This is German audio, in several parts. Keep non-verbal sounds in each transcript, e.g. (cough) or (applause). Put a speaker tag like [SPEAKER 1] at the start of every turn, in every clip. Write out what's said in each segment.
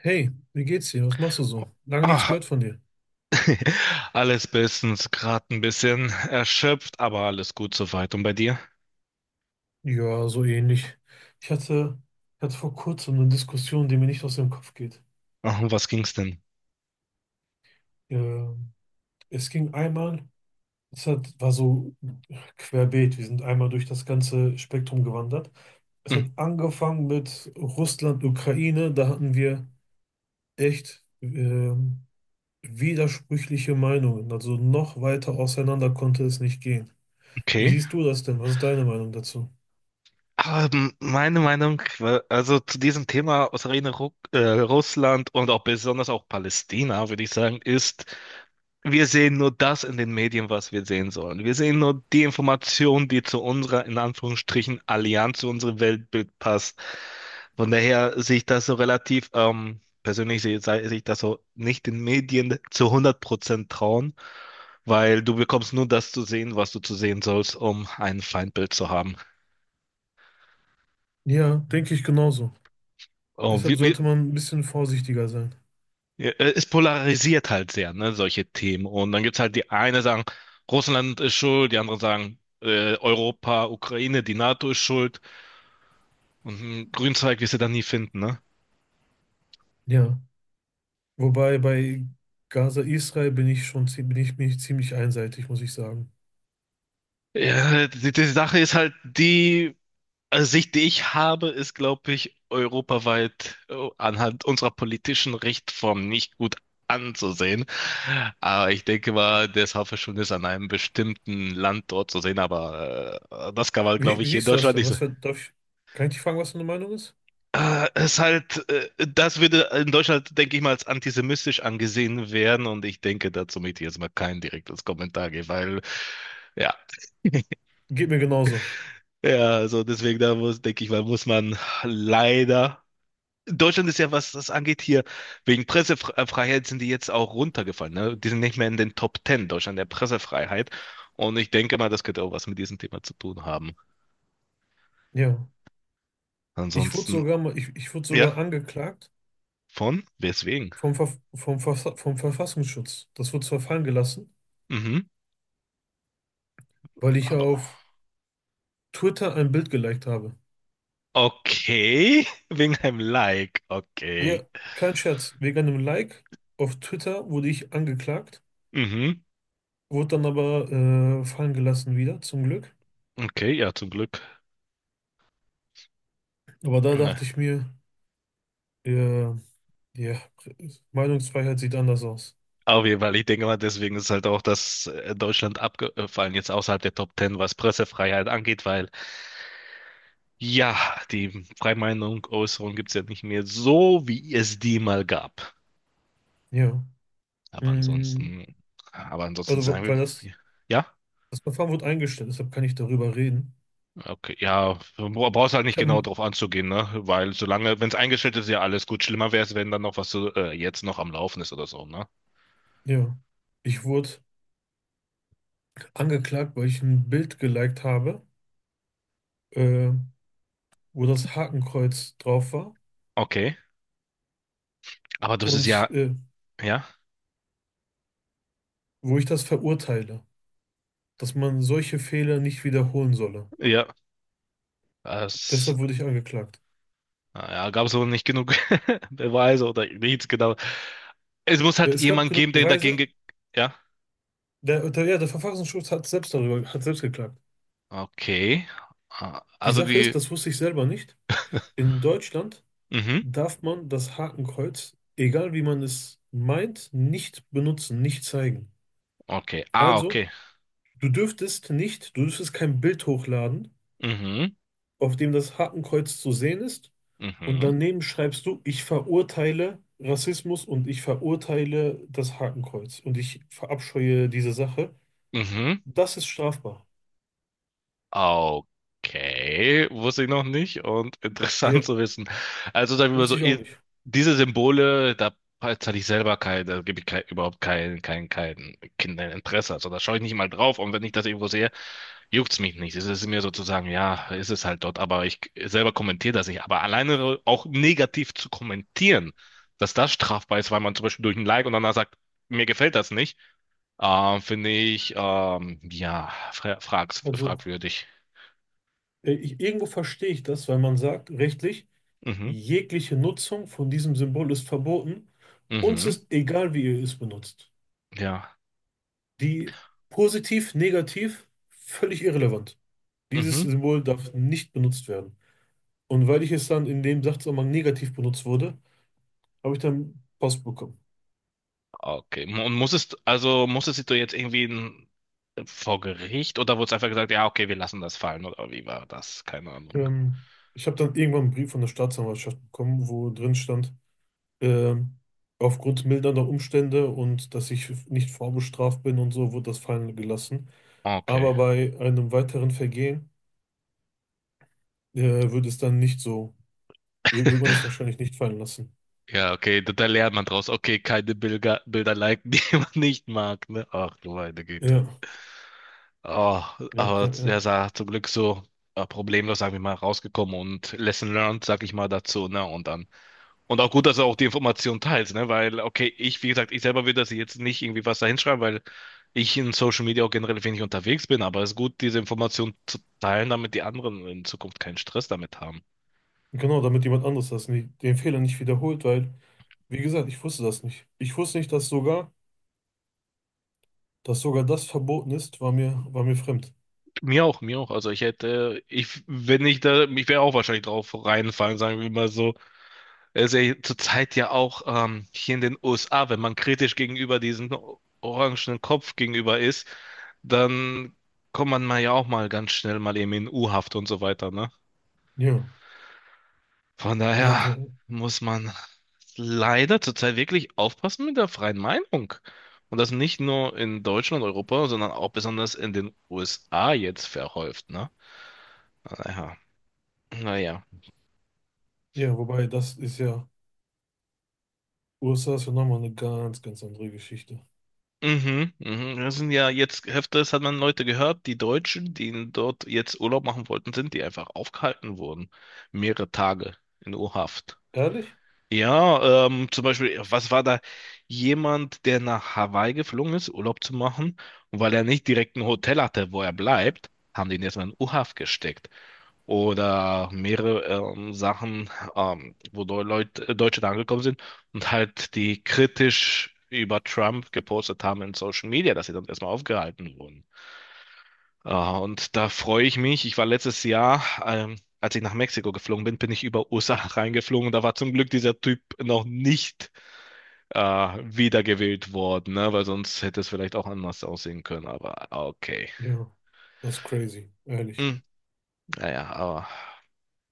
[SPEAKER 1] Hey, wie geht's dir? Was machst du so? Lange nichts
[SPEAKER 2] Ah,
[SPEAKER 1] gehört von dir.
[SPEAKER 2] (laughs) alles bestens, gerade ein bisschen erschöpft, aber alles gut soweit. Und bei dir?
[SPEAKER 1] Ja, so ähnlich. Ich hatte, hatte vor kurzem eine Diskussion, die mir nicht aus dem Kopf geht.
[SPEAKER 2] Ach, um was ging's denn?
[SPEAKER 1] Ähm, es ging einmal, es war so querbeet, wir sind einmal durch das ganze Spektrum gewandert. Es hat
[SPEAKER 2] Hm,
[SPEAKER 1] angefangen mit Russland, Ukraine, da hatten wir echt widersprüchliche Meinungen. Also noch weiter auseinander konnte es nicht gehen. Wie
[SPEAKER 2] Okay.
[SPEAKER 1] siehst du das denn? Was ist deine Meinung dazu?
[SPEAKER 2] Aber meine Meinung, also zu diesem Thema Ukraine, Ru Russland und auch besonders auch Palästina, würde ich sagen, ist, wir sehen nur das in den Medien, was wir sehen sollen. Wir sehen nur die Information, die zu unserer, in Anführungsstrichen, Allianz, zu unserem Weltbild passt. Von daher sehe ich das so relativ, persönlich sehe ich das so, nicht den Medien zu 100% trauen, weil du bekommst nur das zu sehen, was du zu sehen sollst, um ein Feindbild zu haben.
[SPEAKER 1] Ja, denke ich genauso.
[SPEAKER 2] Oh,
[SPEAKER 1] Deshalb sollte man ein bisschen vorsichtiger sein.
[SPEAKER 2] ja, es polarisiert halt sehr, ne, solche Themen. Und dann gibt's halt die eine sagen, Russland ist schuld, die anderen sagen, Europa, Ukraine, die NATO ist schuld. Und einen Grünzeug wirst du dann nie finden, ne?
[SPEAKER 1] Ja. Wobei bei Gaza, Israel bin ich ziemlich einseitig, muss ich sagen.
[SPEAKER 2] Ja, die Sache ist halt, die Sicht, die ich habe, ist, glaube ich, europaweit anhand unserer politischen Rechtsform nicht gut anzusehen. Aber ich denke mal, das Haferschwund ist an einem bestimmten Land dort zu sehen, aber das kann man,
[SPEAKER 1] Wie,
[SPEAKER 2] glaube
[SPEAKER 1] wie
[SPEAKER 2] ich, hier in
[SPEAKER 1] siehst du das
[SPEAKER 2] Deutschland
[SPEAKER 1] denn?
[SPEAKER 2] nicht so.
[SPEAKER 1] Was für, darf ich, kann ich dich fragen, was deine Meinung ist?
[SPEAKER 2] Es halt, das würde in Deutschland, denke ich mal, als antisemitisch angesehen werden und ich denke, dazu möchte ich jetzt mal kein direktes Kommentar geben, weil, ja,
[SPEAKER 1] Geht mir genauso.
[SPEAKER 2] ja, also deswegen, da muss, denke ich mal, muss man leider. Deutschland ist ja, was das angeht, hier wegen Pressefreiheit sind die jetzt auch runtergefallen, ne? Die sind nicht mehr in den Top Ten Deutschland der Pressefreiheit und ich denke mal, das könnte auch was mit diesem Thema zu tun haben.
[SPEAKER 1] Ja. Ich wurde
[SPEAKER 2] Ansonsten,
[SPEAKER 1] sogar mal, ich, ich wurde
[SPEAKER 2] ja,
[SPEAKER 1] sogar angeklagt
[SPEAKER 2] von, weswegen?
[SPEAKER 1] vom Verfassungsschutz. Das wurde zwar fallen gelassen,
[SPEAKER 2] Mhm.
[SPEAKER 1] weil ich
[SPEAKER 2] Aber.
[SPEAKER 1] auf Twitter ein Bild geliked habe.
[SPEAKER 2] Okay, (laughs) wegen einem Like.
[SPEAKER 1] Ja,
[SPEAKER 2] Okay.
[SPEAKER 1] kein Scherz. Wegen einem Like auf Twitter wurde ich angeklagt,
[SPEAKER 2] Mhm.
[SPEAKER 1] wurde dann aber fallen gelassen wieder, zum Glück.
[SPEAKER 2] Okay, ja, zum Glück.
[SPEAKER 1] Aber da
[SPEAKER 2] Ne.
[SPEAKER 1] dachte ich mir, ja, ja, Meinungsfreiheit sieht anders aus.
[SPEAKER 2] Auf jeden Fall, ich denke mal, deswegen ist halt auch das Deutschland abgefallen, jetzt außerhalb der Top Ten, was Pressefreiheit angeht, weil ja, die Freimeinung, Äußerung gibt es ja nicht mehr so, wie es die mal gab.
[SPEAKER 1] Ja.
[SPEAKER 2] Aber
[SPEAKER 1] Mm.
[SPEAKER 2] ansonsten, aber ansonsten
[SPEAKER 1] Also, wa-
[SPEAKER 2] sagen
[SPEAKER 1] weil
[SPEAKER 2] wir,
[SPEAKER 1] das,
[SPEAKER 2] ja,
[SPEAKER 1] Das Verfahren wurde eingestellt, deshalb kann ich darüber reden.
[SPEAKER 2] okay, ja, brauchst halt
[SPEAKER 1] Ich
[SPEAKER 2] nicht
[SPEAKER 1] habe,
[SPEAKER 2] genau drauf anzugehen, ne? Weil solange, wenn es eingestellt ist, ja alles gut. Schlimmer wäre es, wenn dann noch was so, jetzt noch am Laufen ist oder so, ne?
[SPEAKER 1] ja, Ich wurde angeklagt, weil ich ein Bild geliked habe, äh, wo das Hakenkreuz drauf war
[SPEAKER 2] Okay, aber das ist
[SPEAKER 1] und
[SPEAKER 2] ja, ja,
[SPEAKER 1] wo ich das verurteile, dass man solche Fehler nicht wiederholen solle.
[SPEAKER 2] ja, es
[SPEAKER 1] Deshalb wurde ich angeklagt.
[SPEAKER 2] ja, gab es wohl nicht genug (laughs) Beweise oder nichts genau. Es muss halt
[SPEAKER 1] Es gab
[SPEAKER 2] jemand
[SPEAKER 1] genug
[SPEAKER 2] geben, der dagegen,
[SPEAKER 1] Beweise.
[SPEAKER 2] ge ja,
[SPEAKER 1] Der Verfassungsschutz hat hat selbst geklagt.
[SPEAKER 2] okay, ah,
[SPEAKER 1] Die
[SPEAKER 2] also
[SPEAKER 1] Sache
[SPEAKER 2] die,
[SPEAKER 1] ist, das wusste ich selber nicht. In Deutschland
[SPEAKER 2] mhm,
[SPEAKER 1] darf man das Hakenkreuz, egal wie man es meint, nicht benutzen, nicht zeigen.
[SPEAKER 2] okay, ah,
[SPEAKER 1] Also,
[SPEAKER 2] okay,
[SPEAKER 1] du dürftest kein Bild hochladen,
[SPEAKER 2] mhm,
[SPEAKER 1] auf dem das Hakenkreuz zu sehen ist, und
[SPEAKER 2] mhm,
[SPEAKER 1] daneben schreibst du, ich verurteile Rassismus und ich verurteile das Hakenkreuz und ich verabscheue diese Sache.
[SPEAKER 2] mhm,
[SPEAKER 1] Das ist strafbar.
[SPEAKER 2] okay, wusste ich noch nicht und (laughs) interessant
[SPEAKER 1] Ja,
[SPEAKER 2] zu wissen. Also sagen wir mal
[SPEAKER 1] wusste
[SPEAKER 2] so,
[SPEAKER 1] ich auch
[SPEAKER 2] i-
[SPEAKER 1] nicht.
[SPEAKER 2] diese Symbole, da zahle ich selber kein, da gebe ich kein, überhaupt kein, kein Kinderinteresse, also da schaue ich nicht mal drauf und wenn ich das irgendwo sehe, juckt's mich nicht. Es ist mir sozusagen, ja, ist es halt dort, aber ich selber kommentiere das nicht. Aber alleine auch negativ zu kommentieren, dass das strafbar ist, weil man zum Beispiel durch ein Like und danach sagt, mir gefällt das nicht, finde ich, ja,
[SPEAKER 1] Also,
[SPEAKER 2] fragwürdig.
[SPEAKER 1] irgendwo verstehe ich das, weil man sagt, rechtlich,
[SPEAKER 2] Mhm,
[SPEAKER 1] jegliche Nutzung von diesem Symbol ist verboten. Uns
[SPEAKER 2] mhm,
[SPEAKER 1] ist egal, wie ihr es benutzt.
[SPEAKER 2] ja,
[SPEAKER 1] Die positiv, negativ, völlig irrelevant. Dieses
[SPEAKER 2] mhm.
[SPEAKER 1] Symbol darf nicht benutzt werden. Und weil ich es dann in dem Sachzusammenhang negativ benutzt wurde, habe ich dann Post bekommen.
[SPEAKER 2] Okay. Und muss es, also musstest du jetzt irgendwie in, vor Gericht oder wurde es einfach gesagt, ja, okay, wir lassen das fallen oder wie war das? Keine Ahnung.
[SPEAKER 1] Ähm, ich habe dann irgendwann einen Brief von der Staatsanwaltschaft bekommen, wo drin stand, ähm, aufgrund mildernder Umstände und dass ich nicht vorbestraft bin und so, wurde das fallen gelassen.
[SPEAKER 2] Okay.
[SPEAKER 1] Aber bei einem weiteren Vergehen äh, würde es dann nicht so, würde man es
[SPEAKER 2] (laughs)
[SPEAKER 1] wahrscheinlich nicht fallen lassen.
[SPEAKER 2] Ja, okay, da, da lernt man draus. Okay, keine Bilder, Bilder liken, (laughs) die man nicht mag, ne? Ach du meine Güte.
[SPEAKER 1] Ja,
[SPEAKER 2] Oh,
[SPEAKER 1] ja,
[SPEAKER 2] aber
[SPEAKER 1] ja,
[SPEAKER 2] er
[SPEAKER 1] ja.
[SPEAKER 2] sah zum Glück so problemlos, sag ich mal, rausgekommen und Lesson learned, sag ich mal, dazu, ne? Und dann. Und auch gut, dass er auch die Information teilt, ne? Weil, okay, ich, wie gesagt, ich selber würde das jetzt nicht irgendwie was da hinschreiben, weil ich in Social Media auch generell wenig unterwegs bin, aber es ist gut, diese Information zu teilen, damit die anderen in Zukunft keinen Stress damit haben.
[SPEAKER 1] Genau, damit jemand anderes das nicht, den Fehler nicht wiederholt, weil, wie gesagt, ich wusste das nicht. Ich wusste nicht, dass sogar das verboten ist, war mir fremd.
[SPEAKER 2] Mir auch, mir auch. Also ich hätte, ich, wenn ich da, ich wäre auch wahrscheinlich drauf reinfallen, sagen wir mal so. Es ist ja zurzeit ja auch hier in den USA, wenn man kritisch gegenüber diesem orangenen Kopf gegenüber ist, dann kommt man mal ja auch mal ganz schnell mal eben in U-Haft und so weiter, ne?
[SPEAKER 1] Ja,
[SPEAKER 2] Von
[SPEAKER 1] ja,
[SPEAKER 2] daher
[SPEAKER 1] ja.
[SPEAKER 2] muss man leider zurzeit wirklich aufpassen mit der freien Meinung. Und das nicht nur in Deutschland, Europa, sondern auch besonders in den USA jetzt verhäuft, ne? Naja, naja.
[SPEAKER 1] Ja, wobei das ist ja, USA ist ja nochmal eine ganz, ganz andere Geschichte.
[SPEAKER 2] Mhm, mhm. Das sind ja jetzt öfters hat man Leute gehört, die Deutschen, die dort jetzt Urlaub machen wollten, sind, die einfach aufgehalten wurden. Mehrere Tage in U-Haft.
[SPEAKER 1] Ehrlich?
[SPEAKER 2] Ja, zum Beispiel, was war da jemand, der nach Hawaii geflogen ist, Urlaub zu machen, und weil er nicht direkt ein Hotel hatte, wo er bleibt, haben die ihn erstmal in U-Haft gesteckt oder mehrere Sachen, wo Leute, Deutsche da angekommen sind und halt die kritisch über Trump gepostet haben in Social Media, dass sie dann erstmal aufgehalten wurden. Äh, und da freue ich mich. Ich war letztes Jahr, als ich nach Mexiko geflogen bin, bin ich über USA (laughs) reingeflogen und da war zum Glück dieser Typ noch nicht wiedergewählt worden, ne? Weil sonst hätte es vielleicht auch anders aussehen können, aber okay.
[SPEAKER 1] Ja, das ist crazy, ehrlich.
[SPEAKER 2] Hm, naja, aber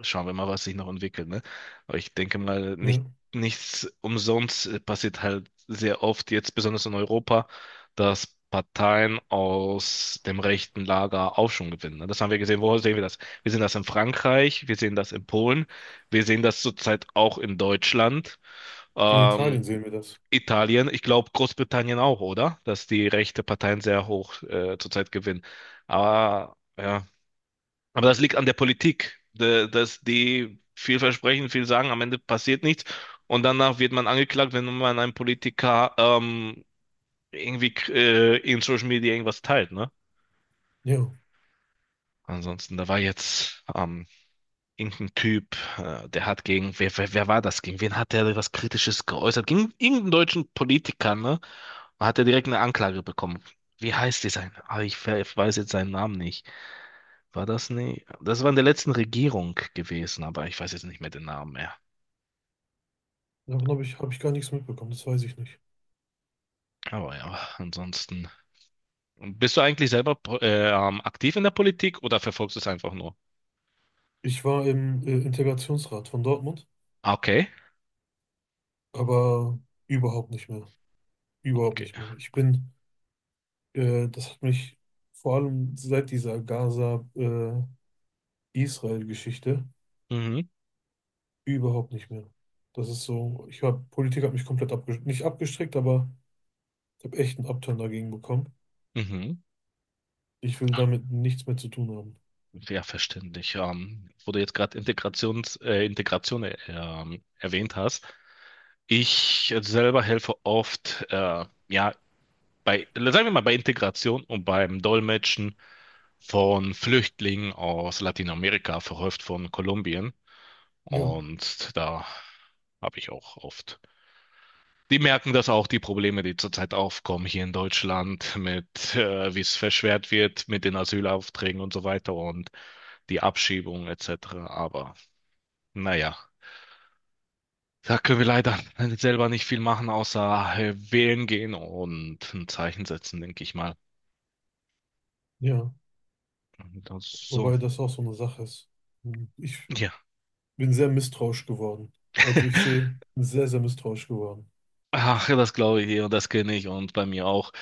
[SPEAKER 2] schauen wir mal, was sich noch entwickelt, ne? Aber ich denke mal, nicht,
[SPEAKER 1] Ja,
[SPEAKER 2] nichts umsonst passiert halt sehr oft, jetzt besonders in Europa, dass Parteien aus dem rechten Lager Aufschwung gewinnen, ne? Das haben wir gesehen. Wo sehen wir das? Wir sehen das in Frankreich, wir sehen das in Polen, wir sehen das zurzeit auch in Deutschland,
[SPEAKER 1] in
[SPEAKER 2] ähm,
[SPEAKER 1] Italien sehen wir das.
[SPEAKER 2] Italien, ich glaube Großbritannien auch, oder? Dass die rechte Parteien sehr hoch zurzeit gewinnen. Aber ja. Aber das liegt an der Politik, dass die viel versprechen, viel sagen, am Ende passiert nichts und danach wird man angeklagt, wenn man einem Politiker irgendwie in Social Media irgendwas teilt, ne?
[SPEAKER 1] Ja,
[SPEAKER 2] Ansonsten, da war jetzt irgendein Typ, der hat gegen, wer war das? Gegen wen hat der was Kritisches geäußert? Gegen irgendeinen deutschen Politiker, ne? Und hat er direkt eine Anklage bekommen. Wie heißt dieser? Ah, ich, ich weiß jetzt seinen Namen nicht. War das nie? Das war in der letzten Regierung gewesen, aber ich weiß jetzt nicht mehr den Namen mehr.
[SPEAKER 1] habe ich gar nichts mitbekommen, das weiß ich nicht.
[SPEAKER 2] Aber ja, ansonsten. Und bist du eigentlich selber aktiv in der Politik oder verfolgst du es einfach nur?
[SPEAKER 1] Ich war im Integrationsrat von Dortmund.
[SPEAKER 2] Ah, okay,
[SPEAKER 1] Aber überhaupt nicht mehr. Überhaupt
[SPEAKER 2] okay.
[SPEAKER 1] nicht mehr. Das hat mich vor allem seit dieser Gaza-Israel-Geschichte
[SPEAKER 2] Mhm,
[SPEAKER 1] überhaupt nicht mehr. Das ist so, Politik hat mich komplett abgestrickt, nicht abgestrickt, aber ich habe echt einen Upturn dagegen bekommen.
[SPEAKER 2] mhm.
[SPEAKER 1] Ich will damit nichts mehr zu tun haben.
[SPEAKER 2] Ja, verständlich. Wo du jetzt gerade Integration erwähnt hast. Ich selber helfe oft, ja, bei, sagen wir mal, bei Integration und beim Dolmetschen von Flüchtlingen aus Lateinamerika, verhäuft von Kolumbien.
[SPEAKER 1] Ja,
[SPEAKER 2] Und da habe ich auch oft. Die merken das auch, die Probleme, die zurzeit aufkommen hier in Deutschland mit, wie es verschwert wird mit den Asylaufträgen und so weiter und die Abschiebung etc. Aber naja, da können wir leider selber nicht viel machen, außer wählen gehen und ein Zeichen setzen, denke ich mal.
[SPEAKER 1] ja.
[SPEAKER 2] Das, so,
[SPEAKER 1] Wobei das auch so eine Sache ist. Hm. Ich
[SPEAKER 2] ja.
[SPEAKER 1] bin sehr misstrauisch geworden. Bin sehr, sehr misstrauisch geworden.
[SPEAKER 2] Ach, das glaube ich eh und das kenne ich und bei mir auch.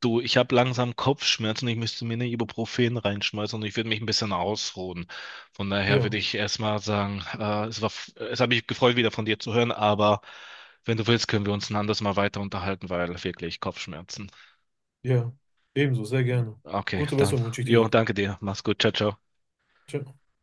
[SPEAKER 2] Du, ich habe langsam Kopfschmerzen, ich müsste mir eine Ibuprofen reinschmeißen und ich würde mich ein bisschen ausruhen. Von daher würde
[SPEAKER 1] Ja,
[SPEAKER 2] ich erstmal sagen, es war, es hat mich gefreut, wieder von dir zu hören, aber wenn du willst, können wir uns ein anderes Mal weiter unterhalten, weil wirklich Kopfschmerzen.
[SPEAKER 1] ja. Ebenso, sehr gerne.
[SPEAKER 2] Okay,
[SPEAKER 1] Gute
[SPEAKER 2] dann.
[SPEAKER 1] Besserung wünsche ich dir
[SPEAKER 2] Jo,
[SPEAKER 1] dann.
[SPEAKER 2] danke dir. Mach's gut. Ciao, ciao.
[SPEAKER 1] Ciao.